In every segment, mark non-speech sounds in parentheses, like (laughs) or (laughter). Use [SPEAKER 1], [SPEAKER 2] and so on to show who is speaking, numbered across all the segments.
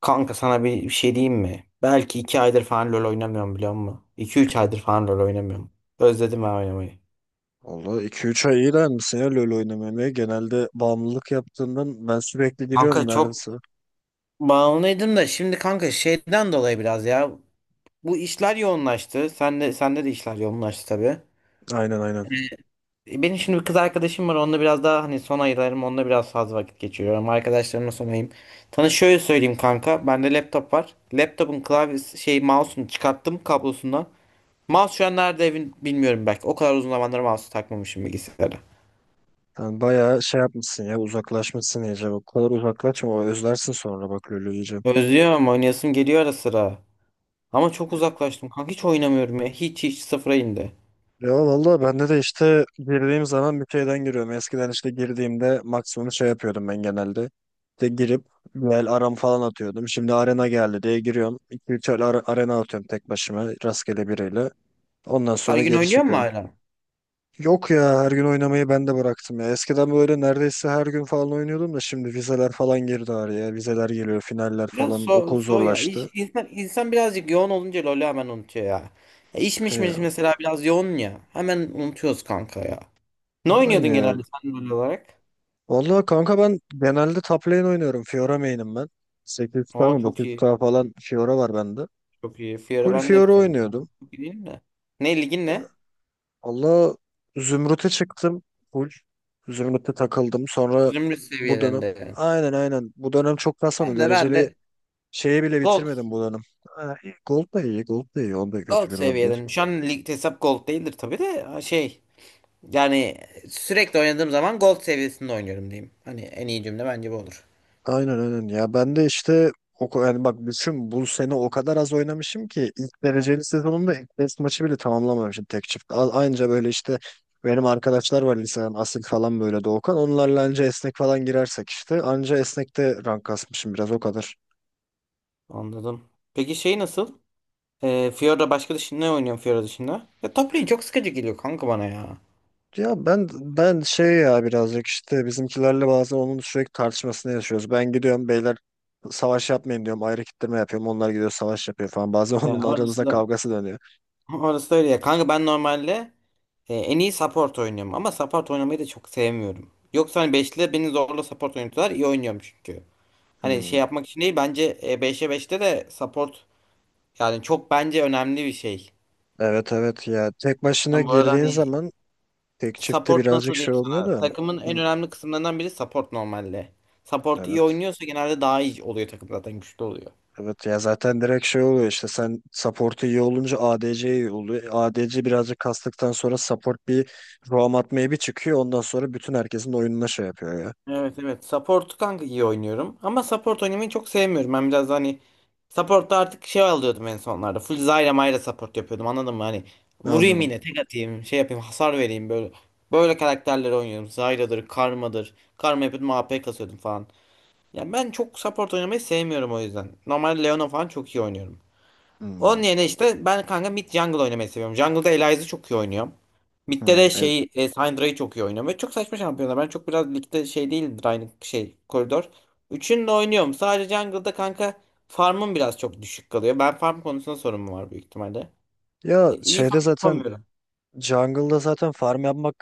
[SPEAKER 1] Kanka sana bir şey diyeyim mi? Belki 2 aydır falan LoL oynamıyorum biliyor musun? 2-3 aydır falan LoL oynamıyorum. Özledim ben oynamayı.
[SPEAKER 2] Valla 2-3 ay iyi misin ya LoL oynamamaya. Genelde bağımlılık yaptığından ben sürekli giriyorum
[SPEAKER 1] Kanka çok
[SPEAKER 2] neredeyse.
[SPEAKER 1] bağımlıydım da şimdi kanka şeyden dolayı biraz ya. Bu işler yoğunlaştı. Sende de işler yoğunlaştı tabii.
[SPEAKER 2] Aynen aynen.
[SPEAKER 1] Benim şimdi bir kız arkadaşım var. Onunla biraz daha hani son aylarım onunla biraz fazla vakit geçiriyorum. Arkadaşlarımla son ayım. Sana şöyle söyleyeyim kanka. Bende laptop var. Laptopun klavyesi şey mouse'unu çıkarttım kablosundan. Mouse şu an nerede evin bilmiyorum belki. O kadar uzun zamandır mouse takmamışım bilgisayara.
[SPEAKER 2] Sen bayağı şey yapmışsın ya uzaklaşmışsın iyice. O kadar uzaklaşma o özlersin sonra bak LoL'ü iyice.
[SPEAKER 1] Özlüyorum oynayasım geliyor ara sıra. Ama çok uzaklaştım kanka hiç oynamıyorum ya. Hiç hiç sıfıra indi.
[SPEAKER 2] Ya valla bende de işte girdiğim zaman bir şeyden giriyorum. Eskiden işte girdiğimde maksimum şey yapıyordum ben genelde. İşte girip Vel aram falan atıyordum. Şimdi arena geldi diye giriyorum. 2-3 arena atıyorum tek başıma rastgele biriyle. Ondan
[SPEAKER 1] Her
[SPEAKER 2] sonra
[SPEAKER 1] gün
[SPEAKER 2] geri
[SPEAKER 1] oynuyor mu
[SPEAKER 2] çıkıyorum.
[SPEAKER 1] hala?
[SPEAKER 2] Yok ya her gün oynamayı ben de bıraktım ya. Eskiden böyle neredeyse her gün falan oynuyordum da şimdi vizeler falan girdi araya. Vizeler geliyor, finaller
[SPEAKER 1] Biraz
[SPEAKER 2] falan. Okul
[SPEAKER 1] ya. İş,
[SPEAKER 2] zorlaştı.
[SPEAKER 1] insan birazcık yoğun olunca LoL'ü hemen unutuyor ya. Ya iş
[SPEAKER 2] E
[SPEAKER 1] miş miş
[SPEAKER 2] ya,
[SPEAKER 1] mesela biraz yoğun ya. Hemen unutuyoruz kanka ya. Ne
[SPEAKER 2] ya
[SPEAKER 1] oynuyordun
[SPEAKER 2] aynı ya.
[SPEAKER 1] genelde sen LoL olarak?
[SPEAKER 2] Vallahi kanka ben genelde top lane oynuyorum. Fiora main'im ben. 800K
[SPEAKER 1] Aa
[SPEAKER 2] mı
[SPEAKER 1] çok iyi.
[SPEAKER 2] 900K falan Fiora var bende.
[SPEAKER 1] Çok iyi. Fiora
[SPEAKER 2] Full
[SPEAKER 1] ben de hep
[SPEAKER 2] Fiora
[SPEAKER 1] fan.
[SPEAKER 2] oynuyordum.
[SPEAKER 1] Çok iyi değil mi? Ne ligin
[SPEAKER 2] Ya,
[SPEAKER 1] ne?
[SPEAKER 2] Valla Zümrüt'e çıktım. Full Zümrüt'e takıldım. Sonra
[SPEAKER 1] Zümrüt
[SPEAKER 2] bu dönem
[SPEAKER 1] seviyelerinde yani.
[SPEAKER 2] aynen aynen bu dönem çok kasmadım.
[SPEAKER 1] Ben de ben
[SPEAKER 2] Dereceli
[SPEAKER 1] de
[SPEAKER 2] şeyi bile
[SPEAKER 1] Gold
[SPEAKER 2] bitirmedim bu dönem. Ha, iyi. Gold da iyi, Gold da iyi. Onda kötü
[SPEAKER 1] Gold
[SPEAKER 2] bir rol değil.
[SPEAKER 1] seviyeden. Şu an ligde hesap gold değildir tabii de yani sürekli oynadığım zaman gold seviyesinde oynuyorum diyeyim. Hani en iyi cümle bence bu olur.
[SPEAKER 2] Aynen aynen. Ya ben de işte yani bak düşün bu sene o kadar az oynamışım ki ilk dereceli sezonumda ilk test maçı bile tamamlamamışım tek çift. Aynıca böyle işte benim arkadaşlar var liseden Asil falan böyle Doğukan. Onlarla anca esnek falan girersek işte. Anca esnekte rank kasmışım biraz o kadar.
[SPEAKER 1] Anladım. Peki şey nasıl? Fiora başka dışında ne oynuyorsun Fiora dışında? Ya top lane çok sıkıcı geliyor kanka bana ya.
[SPEAKER 2] Ya ben şey ya birazcık işte bizimkilerle bazen onun sürekli tartışmasını yaşıyoruz. Ben gidiyorum beyler savaş yapmayın diyorum. Ayrı kitleme yapıyorum. Onlar gidiyor savaş yapıyor falan. Bazen (laughs) onun
[SPEAKER 1] Ya
[SPEAKER 2] aramızda
[SPEAKER 1] orası da
[SPEAKER 2] kavgası dönüyor.
[SPEAKER 1] orası da öyle ya. Kanka ben normalde en iyi support oynuyorum ama support oynamayı da çok sevmiyorum. Yoksa hani 5'te beni zorla support oynatıyorlar iyi oynuyorum çünkü. Hani
[SPEAKER 2] Hmm.
[SPEAKER 1] şey yapmak için değil bence 5'e beşte de support. Yani çok bence önemli bir şey.
[SPEAKER 2] Evet evet ya tek başına
[SPEAKER 1] Ben bu arada
[SPEAKER 2] girdiğin
[SPEAKER 1] hani
[SPEAKER 2] zaman tek çifte
[SPEAKER 1] support
[SPEAKER 2] birazcık
[SPEAKER 1] nasıl
[SPEAKER 2] şey
[SPEAKER 1] diyeyim
[SPEAKER 2] olmuyor
[SPEAKER 1] sana?
[SPEAKER 2] da.
[SPEAKER 1] Takımın en
[SPEAKER 2] Hı,
[SPEAKER 1] önemli kısımlarından biri support normalde. Support iyi
[SPEAKER 2] evet.
[SPEAKER 1] oynuyorsa genelde daha iyi oluyor takım zaten güçlü oluyor.
[SPEAKER 2] Evet ya zaten direkt şey oluyor işte sen support'u iyi olunca ADC iyi oluyor. ADC birazcık kastıktan sonra support bir roam atmaya bir çıkıyor. Ondan sonra bütün herkesin oyununa şey yapıyor ya.
[SPEAKER 1] Evet, evet. Support kanka iyi oynuyorum. Ama support oynamayı çok sevmiyorum. Ben biraz da hani support'ta artık şey alıyordum en sonlarda. Full Zyra Mayra support yapıyordum anladın mı? Hani vurayım
[SPEAKER 2] Anladım.
[SPEAKER 1] yine tek atayım şey yapayım hasar vereyim böyle. Böyle karakterleri oynuyorum. Zyra'dır, Karma'dır. Karma yapıyordum AP kasıyordum falan. Ya ben çok support oynamayı sevmiyorum o yüzden. Normal Leona falan çok iyi oynuyorum. Onun
[SPEAKER 2] Hmm.
[SPEAKER 1] yerine işte ben kanka mid jungle oynamayı seviyorum. Jungle'da Elias'ı çok iyi oynuyorum. Mid'de
[SPEAKER 2] Hmm,
[SPEAKER 1] de
[SPEAKER 2] evet.
[SPEAKER 1] şey Syndra'yı çok iyi oynuyorum. Ve çok saçma şampiyonlar. Ben çok biraz ligde şey değil aynı şey koridor. Üçünü de oynuyorum. Sadece jungle'da kanka farmım biraz çok düşük kalıyor. Ben farm konusunda sorunum var büyük ihtimalle.
[SPEAKER 2] Ya
[SPEAKER 1] İyi
[SPEAKER 2] şeyde
[SPEAKER 1] farm
[SPEAKER 2] zaten
[SPEAKER 1] yapamıyorum.
[SPEAKER 2] jungle'da zaten farm yapmak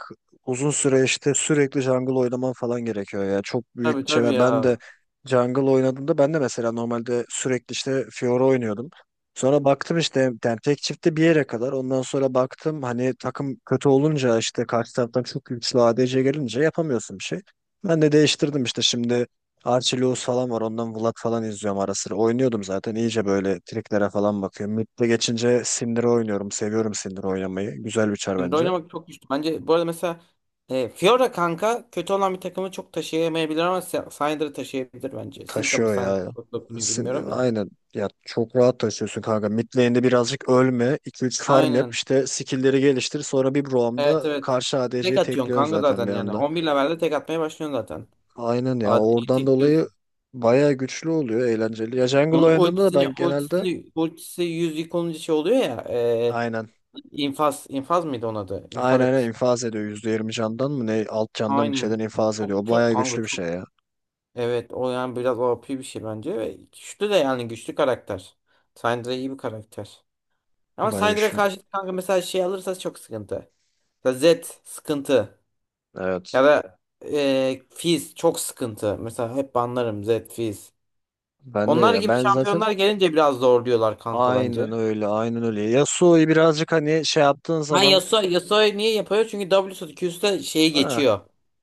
[SPEAKER 2] uzun süre işte sürekli jungle oynaman falan gerekiyor ya. Çok büyük
[SPEAKER 1] Tabii,
[SPEAKER 2] bir şey
[SPEAKER 1] tabii
[SPEAKER 2] var. Ben de
[SPEAKER 1] ya.
[SPEAKER 2] jungle oynadığımda ben de mesela normalde sürekli işte Fiora oynuyordum. Sonra baktım işte yani tek çifte bir yere kadar. Ondan sonra baktım hani takım kötü olunca işte karşı taraftan çok güçlü ADC gelince yapamıyorsun bir şey. Ben de değiştirdim işte şimdi Archie Lewis falan var. Ondan Vlad falan izliyorum ara sıra. Oynuyordum zaten. İyice böyle triklere falan bakıyorum. Mid'de geçince Syndra oynuyorum. Seviyorum Syndra oynamayı. Güzel bir çar
[SPEAKER 1] Şimdi
[SPEAKER 2] bence.
[SPEAKER 1] oynamak çok güçlü. Bence bu arada mesela Fiora kanka kötü olan bir takımı çok taşıyamayabilir ama Syndra taşıyabilir bence. Syndra mı
[SPEAKER 2] Taşıyor
[SPEAKER 1] Syndra
[SPEAKER 2] ya.
[SPEAKER 1] mı dokunuyor bilmiyorum da.
[SPEAKER 2] Aynen. Ya çok rahat taşıyorsun kanka. Mid lane'de birazcık ölme. İki üç farm yap.
[SPEAKER 1] Aynen.
[SPEAKER 2] İşte skill'leri geliştir. Sonra bir
[SPEAKER 1] Evet,
[SPEAKER 2] roam'da
[SPEAKER 1] evet.
[SPEAKER 2] karşı
[SPEAKER 1] Tek
[SPEAKER 2] ADC'yi
[SPEAKER 1] atıyorsun
[SPEAKER 2] tekliyor
[SPEAKER 1] kanka
[SPEAKER 2] zaten
[SPEAKER 1] zaten
[SPEAKER 2] bir
[SPEAKER 1] yani.
[SPEAKER 2] anda.
[SPEAKER 1] 11 levelde tek atmaya başlıyorsun zaten.
[SPEAKER 2] Aynen ya.
[SPEAKER 1] AD'yi
[SPEAKER 2] Oradan dolayı
[SPEAKER 1] tekliyorsun.
[SPEAKER 2] bayağı güçlü oluyor. Eğlenceli. Ya jungle
[SPEAKER 1] Onun
[SPEAKER 2] oynadığımda da ben genelde
[SPEAKER 1] ultisi 100 yık olunca şey oluyor ya.
[SPEAKER 2] aynen.
[SPEAKER 1] İnfaz mıydı onun adı? İnfaz
[SPEAKER 2] Aynen aynen
[SPEAKER 1] etkisi.
[SPEAKER 2] infaz ediyor. %20 candan mı ne alt candan bir şeyden
[SPEAKER 1] Aynen.
[SPEAKER 2] infaz ediyor.
[SPEAKER 1] Çok
[SPEAKER 2] O
[SPEAKER 1] çok
[SPEAKER 2] bayağı güçlü
[SPEAKER 1] kanka
[SPEAKER 2] bir
[SPEAKER 1] çok.
[SPEAKER 2] şey ya.
[SPEAKER 1] Evet o yani biraz o OP bir şey bence. Ve güçlü de yani güçlü karakter. Syndra iyi bir karakter. Ama
[SPEAKER 2] Bayağı
[SPEAKER 1] Syndra'ya
[SPEAKER 2] güçlü.
[SPEAKER 1] karşı kanka mesela şey alırsa çok sıkıntı. Mesela Zed sıkıntı.
[SPEAKER 2] Evet.
[SPEAKER 1] Ya da Fizz çok sıkıntı. Mesela hep banlarım Zed, Fizz.
[SPEAKER 2] Ben de
[SPEAKER 1] Onlar
[SPEAKER 2] ya
[SPEAKER 1] gibi
[SPEAKER 2] ben zaten
[SPEAKER 1] şampiyonlar gelince biraz zorluyorlar kanka bence.
[SPEAKER 2] aynen öyle aynen öyle. Yasuo'yu birazcık hani şey yaptığın zaman
[SPEAKER 1] Yasuo'yu niye yapıyor? Çünkü W'su Q'su şeyi
[SPEAKER 2] ha,
[SPEAKER 1] geçiyor.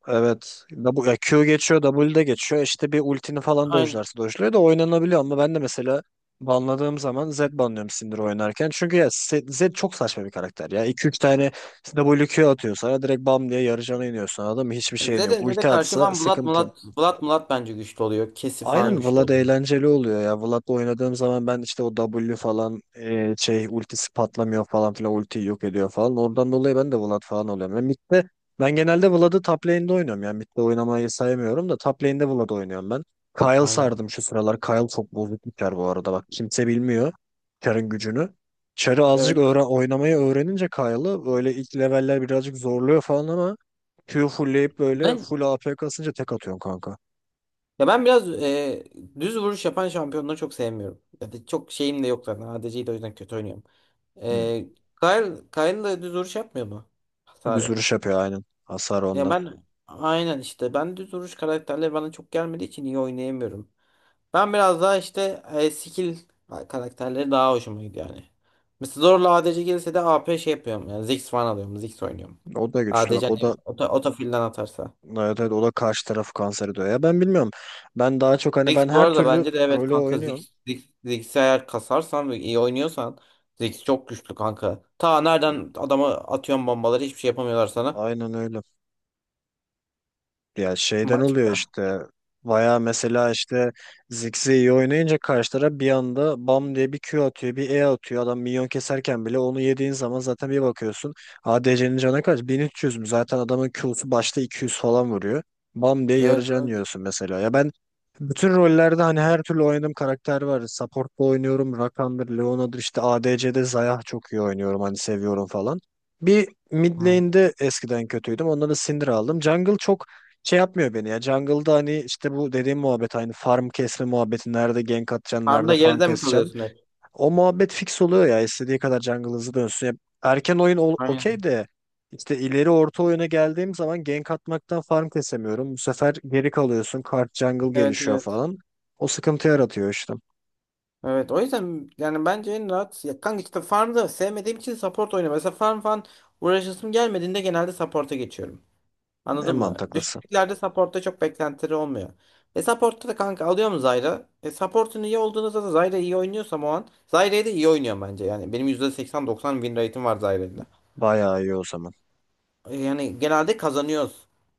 [SPEAKER 2] evet ya Q geçiyor W de geçiyor işte bir ultini falan
[SPEAKER 1] Aynen.
[SPEAKER 2] dojlarsa dojluyor da oynanabiliyor ama ben de mesela banladığım zaman Z banlıyorum Syndra oynarken. Çünkü ya Z çok saçma bir karakter ya. İki üç tane W Q atıyor sana direkt bam diye yarı cana iniyorsun anladın mı? Hiçbir şeyin yok.
[SPEAKER 1] Zed'e
[SPEAKER 2] Ulti
[SPEAKER 1] karşı
[SPEAKER 2] atsa
[SPEAKER 1] falan Vlad
[SPEAKER 2] sıkıntı.
[SPEAKER 1] Mulat Vlad Mulat bence güçlü oluyor. Kesi falan
[SPEAKER 2] Aynen
[SPEAKER 1] güçlü
[SPEAKER 2] Vlad
[SPEAKER 1] oluyor.
[SPEAKER 2] eğlenceli oluyor ya. Vlad'la oynadığım zaman ben işte o W falan şey ultisi patlamıyor falan filan ultiyi yok ediyor falan. Oradan dolayı ben de Vlad falan oluyorum. Ben mid'de ben genelde Vlad'ı top lane'de oynuyorum. Yani mid'de oynamayı saymıyorum da top lane'de Vlad oynuyorum ben. Kayle
[SPEAKER 1] Aynen.
[SPEAKER 2] sardım şu sıralar. Kayle çok bozuk bir çar bu arada. Bak kimse bilmiyor çarın gücünü. Çarı azıcık
[SPEAKER 1] Evet.
[SPEAKER 2] öğren oynamayı öğrenince Kyle'ı böyle ilk leveller birazcık zorluyor falan ama Q fullleyip böyle
[SPEAKER 1] Ben
[SPEAKER 2] full AP kasınca tek atıyorsun kanka.
[SPEAKER 1] Ya ben biraz düz vuruş yapan şampiyonları çok sevmiyorum. Ya da çok şeyim de yok zaten. ADC'yi de o yüzden kötü oynuyorum. E, Kayn da düz vuruş yapmıyor mu?
[SPEAKER 2] Düz
[SPEAKER 1] Hasarı.
[SPEAKER 2] vuruş yapıyor aynen. Hasar
[SPEAKER 1] Ya
[SPEAKER 2] ondan.
[SPEAKER 1] ben aynen işte ben düz vuruş karakterleri bana çok gelmediği için iyi oynayamıyorum. Ben biraz daha işte skill karakterleri daha hoşuma gidiyor yani. Mesela zorla ADC gelirse de AP şey yapıyorum. Yani Ziggs falan alıyorum. Ziggs oynuyorum.
[SPEAKER 2] O da güçlü
[SPEAKER 1] ADC
[SPEAKER 2] bak. O
[SPEAKER 1] hani
[SPEAKER 2] da
[SPEAKER 1] otofilden atarsa.
[SPEAKER 2] evet, evet, o da karşı tarafı kanser ediyor. Ya ben bilmiyorum. Ben daha çok hani ben
[SPEAKER 1] Ziggs bu
[SPEAKER 2] her
[SPEAKER 1] arada
[SPEAKER 2] türlü
[SPEAKER 1] bence de evet
[SPEAKER 2] rolü
[SPEAKER 1] kanka
[SPEAKER 2] oynuyorum.
[SPEAKER 1] Ziggs'i eğer kasarsan ve iyi oynuyorsan Ziggs çok güçlü kanka. Ta nereden adama atıyorsun bombaları hiçbir şey yapamıyorlar sana.
[SPEAKER 2] Aynen öyle. Ya şeyden
[SPEAKER 1] Baş...
[SPEAKER 2] oluyor işte. Baya mesela işte Ziggs'i iyi oynayınca karşı taraf bir anda bam diye bir Q atıyor, bir E atıyor. Adam minyon keserken bile onu yediğin zaman zaten bir bakıyorsun. ADC'nin canı kaç? 1300 mü? Zaten adamın Q'su başta 200 falan vuruyor. Bam diye yarı
[SPEAKER 1] Evet,
[SPEAKER 2] can
[SPEAKER 1] evet.
[SPEAKER 2] yiyorsun mesela. Ya ben bütün rollerde hani her türlü oynadığım karakter var. Support'ta oynuyorum. Rakan'dır, Leona'dır işte ADC'de Zayah çok iyi oynuyorum. Hani seviyorum falan. Bir mid
[SPEAKER 1] Hı.
[SPEAKER 2] lane'de eskiden kötüydüm. Ondan da Syndra aldım. Jungle çok şey yapmıyor beni ya. Jungle'da hani işte bu dediğim muhabbet aynı farm kesme muhabbeti. Nerede gank atacaksın, nerede
[SPEAKER 1] Farmda
[SPEAKER 2] farm
[SPEAKER 1] geride mi
[SPEAKER 2] keseceksin.
[SPEAKER 1] kalıyorsun hep?
[SPEAKER 2] O muhabbet fix oluyor ya. İstediği kadar jungle hızlı dönsün. Ya okey
[SPEAKER 1] Aynen.
[SPEAKER 2] de işte ileri orta oyuna geldiğim zaman gank atmaktan farm kesemiyorum. Bu sefer geri kalıyorsun. Kart jungle
[SPEAKER 1] Evet,
[SPEAKER 2] gelişiyor
[SPEAKER 1] evet.
[SPEAKER 2] falan. O sıkıntı yaratıyor işte.
[SPEAKER 1] Evet o yüzden yani bence en rahat ya kanka işte farmda sevmediğim için support oynuyorum. Mesela farm falan uğraşasım gelmediğinde genelde support'a geçiyorum.
[SPEAKER 2] En
[SPEAKER 1] Anladın mı?
[SPEAKER 2] mantıklısı.
[SPEAKER 1] Düşüklerde supportta çok beklentileri olmuyor. Supportta da kanka alıyor mu Zyra? Supportun iyi olduğunuzda da Zyra iyi oynuyorsam o an Zyra'yı da iyi oynuyor bence. Yani benim %80-90 win rate'im var Zyra'yla.
[SPEAKER 2] Bayağı iyi o zaman.
[SPEAKER 1] Yani genelde kazanıyoruz.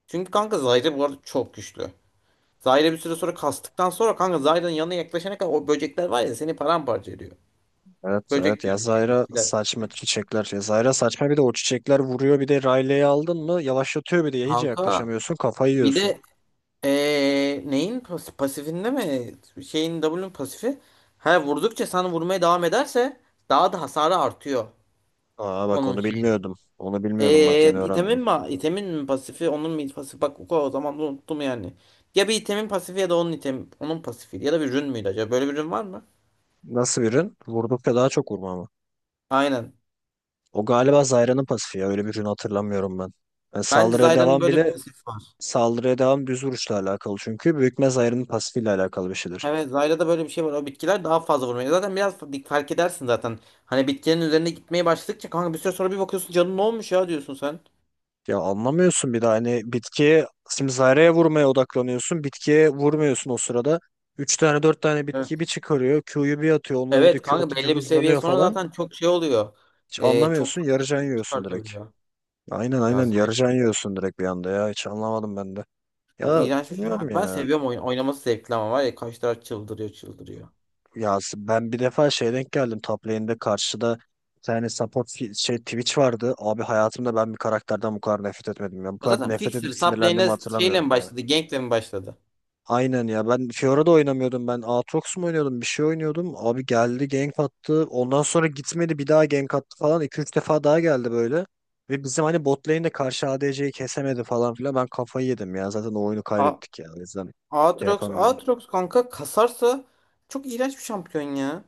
[SPEAKER 1] Çünkü kanka Zyra bu arada çok güçlü. Zyra bir süre sonra kastıktan sonra kanka Zyra'nın yanına yaklaşana kadar o böcekler var ya seni paramparça ediyor.
[SPEAKER 2] Evet
[SPEAKER 1] Böcek
[SPEAKER 2] evet
[SPEAKER 1] diyorum şey
[SPEAKER 2] Yazayra
[SPEAKER 1] bitkiler.
[SPEAKER 2] saçma çiçekler. Yazayra saçma bir de o çiçekler vuruyor bir de Riley'i aldın mı yavaşlatıyor bir de hiç
[SPEAKER 1] Kanka
[SPEAKER 2] yaklaşamıyorsun kafayı
[SPEAKER 1] bir
[SPEAKER 2] yiyorsun.
[SPEAKER 1] de neyin pasifinde mi? Şeyin W'nun pasifi. Ha vurdukça sana vurmaya devam ederse daha da hasarı artıyor
[SPEAKER 2] Aa bak
[SPEAKER 1] onun
[SPEAKER 2] onu
[SPEAKER 1] şeyin.
[SPEAKER 2] bilmiyordum. Onu bilmiyordum bak yeni
[SPEAKER 1] İtemin
[SPEAKER 2] öğrendim.
[SPEAKER 1] mi? İtemin mi pasifi? Onun mu pasifi? Bak o zaman da unuttum yani. Ya bir itemin pasifi ya da onun item onun pasifi ya da bir rün müydü acaba? Böyle bir rün var mı?
[SPEAKER 2] Nasıl bir rün? Vurdukça daha çok vurma mı?
[SPEAKER 1] Aynen.
[SPEAKER 2] O galiba Zayra'nın pasifi ya öyle bir rün hatırlamıyorum ben. Yani
[SPEAKER 1] Bence
[SPEAKER 2] saldırıya
[SPEAKER 1] Zyra'nın
[SPEAKER 2] devam
[SPEAKER 1] böyle bir
[SPEAKER 2] bile
[SPEAKER 1] pasifi var.
[SPEAKER 2] Saldırıya devam düz vuruşla alakalı çünkü büyükme Zayra'nın pasifiyle alakalı bir şeydir.
[SPEAKER 1] Evet Zyra'da böyle bir şey var. O bitkiler daha fazla vurmaya. Zaten biraz fark edersin zaten. Hani bitkilerin üzerine gitmeye başladıkça kanka bir süre sonra bir bakıyorsun canın ne olmuş ya diyorsun sen.
[SPEAKER 2] Ya anlamıyorsun bir de hani bitkiye simzareye vurmaya odaklanıyorsun. Bitkiye vurmuyorsun o sırada. Üç tane dört tane bitkiyi bir çıkarıyor. Q'yu bir atıyor. Onlar bir de
[SPEAKER 1] Evet
[SPEAKER 2] Q
[SPEAKER 1] kanka
[SPEAKER 2] atınca
[SPEAKER 1] belli bir seviye
[SPEAKER 2] hızlanıyor
[SPEAKER 1] sonra
[SPEAKER 2] falan.
[SPEAKER 1] zaten çok şey oluyor.
[SPEAKER 2] Hiç
[SPEAKER 1] Çok
[SPEAKER 2] anlamıyorsun.
[SPEAKER 1] fazla
[SPEAKER 2] Yarıcan yiyorsun direkt.
[SPEAKER 1] çıkartabiliyor.
[SPEAKER 2] Aynen
[SPEAKER 1] Ya
[SPEAKER 2] aynen
[SPEAKER 1] zaten
[SPEAKER 2] yarıcan yiyorsun direkt bir anda ya. Hiç anlamadım ben de. Ya
[SPEAKER 1] iğrenç bir şey.
[SPEAKER 2] bilmiyorum
[SPEAKER 1] Ama ben
[SPEAKER 2] ya.
[SPEAKER 1] seviyorum oyun. Oynaması zevkli ama var ya kaç taraf çıldırıyor çıldırıyor.
[SPEAKER 2] Ya ben bir defa şey denk geldim. Top lane'de karşıda bir tane şey Twitch vardı. Abi hayatımda ben bir karakterden bu kadar nefret etmedim ya. Bu
[SPEAKER 1] O
[SPEAKER 2] kadar
[SPEAKER 1] zaten
[SPEAKER 2] nefret edip
[SPEAKER 1] Fixer top
[SPEAKER 2] sinirlendiğimi
[SPEAKER 1] lane'e şeyle mi
[SPEAKER 2] hatırlamıyorum ya.
[SPEAKER 1] başladı? Gank'le mi başladı?
[SPEAKER 2] Aynen ya ben Fiora'da oynamıyordum ben Aatrox mu oynuyordum bir şey oynuyordum abi geldi gank attı ondan sonra gitmedi bir daha gank attı falan iki üç defa daha geldi böyle ve bizim hani bot lane'de karşı ADC'yi kesemedi falan filan ben kafayı yedim ya zaten o oyunu
[SPEAKER 1] A
[SPEAKER 2] kaybettik ya o yüzden şey
[SPEAKER 1] Aatrox,
[SPEAKER 2] yapamıyorum.
[SPEAKER 1] Aatrox kanka kasarsa çok iğrenç bir şampiyon ya.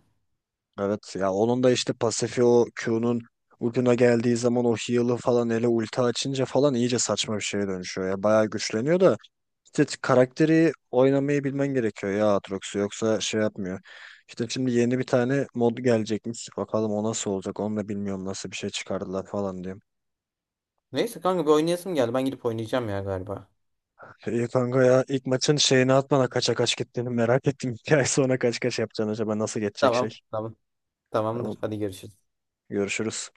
[SPEAKER 2] Evet ya onun da işte pasifi o Q'nun ucuna geldiği zaman o heal'ı falan ulti açınca falan iyice saçma bir şeye dönüşüyor ya bayağı güçleniyor da İşte karakteri oynamayı bilmen gerekiyor ya Aatrox'u yoksa şey yapmıyor. İşte şimdi yeni bir tane mod gelecekmiş. Bakalım o nasıl olacak onu da bilmiyorum nasıl bir şey çıkardılar falan diyorum.
[SPEAKER 1] Neyse kanka bir oynayasım geldi. Ben gidip oynayacağım ya galiba.
[SPEAKER 2] İyi kanka ya ilk maçın şeyini atmana kaça kaç gittiğini merak ettim. (laughs) Bir ay sonra kaç kaç yapacaksın acaba nasıl geçecek
[SPEAKER 1] Tamam,
[SPEAKER 2] şey.
[SPEAKER 1] tamam,
[SPEAKER 2] Tamam
[SPEAKER 1] tamamdır. Hadi görüşürüz.
[SPEAKER 2] görüşürüz.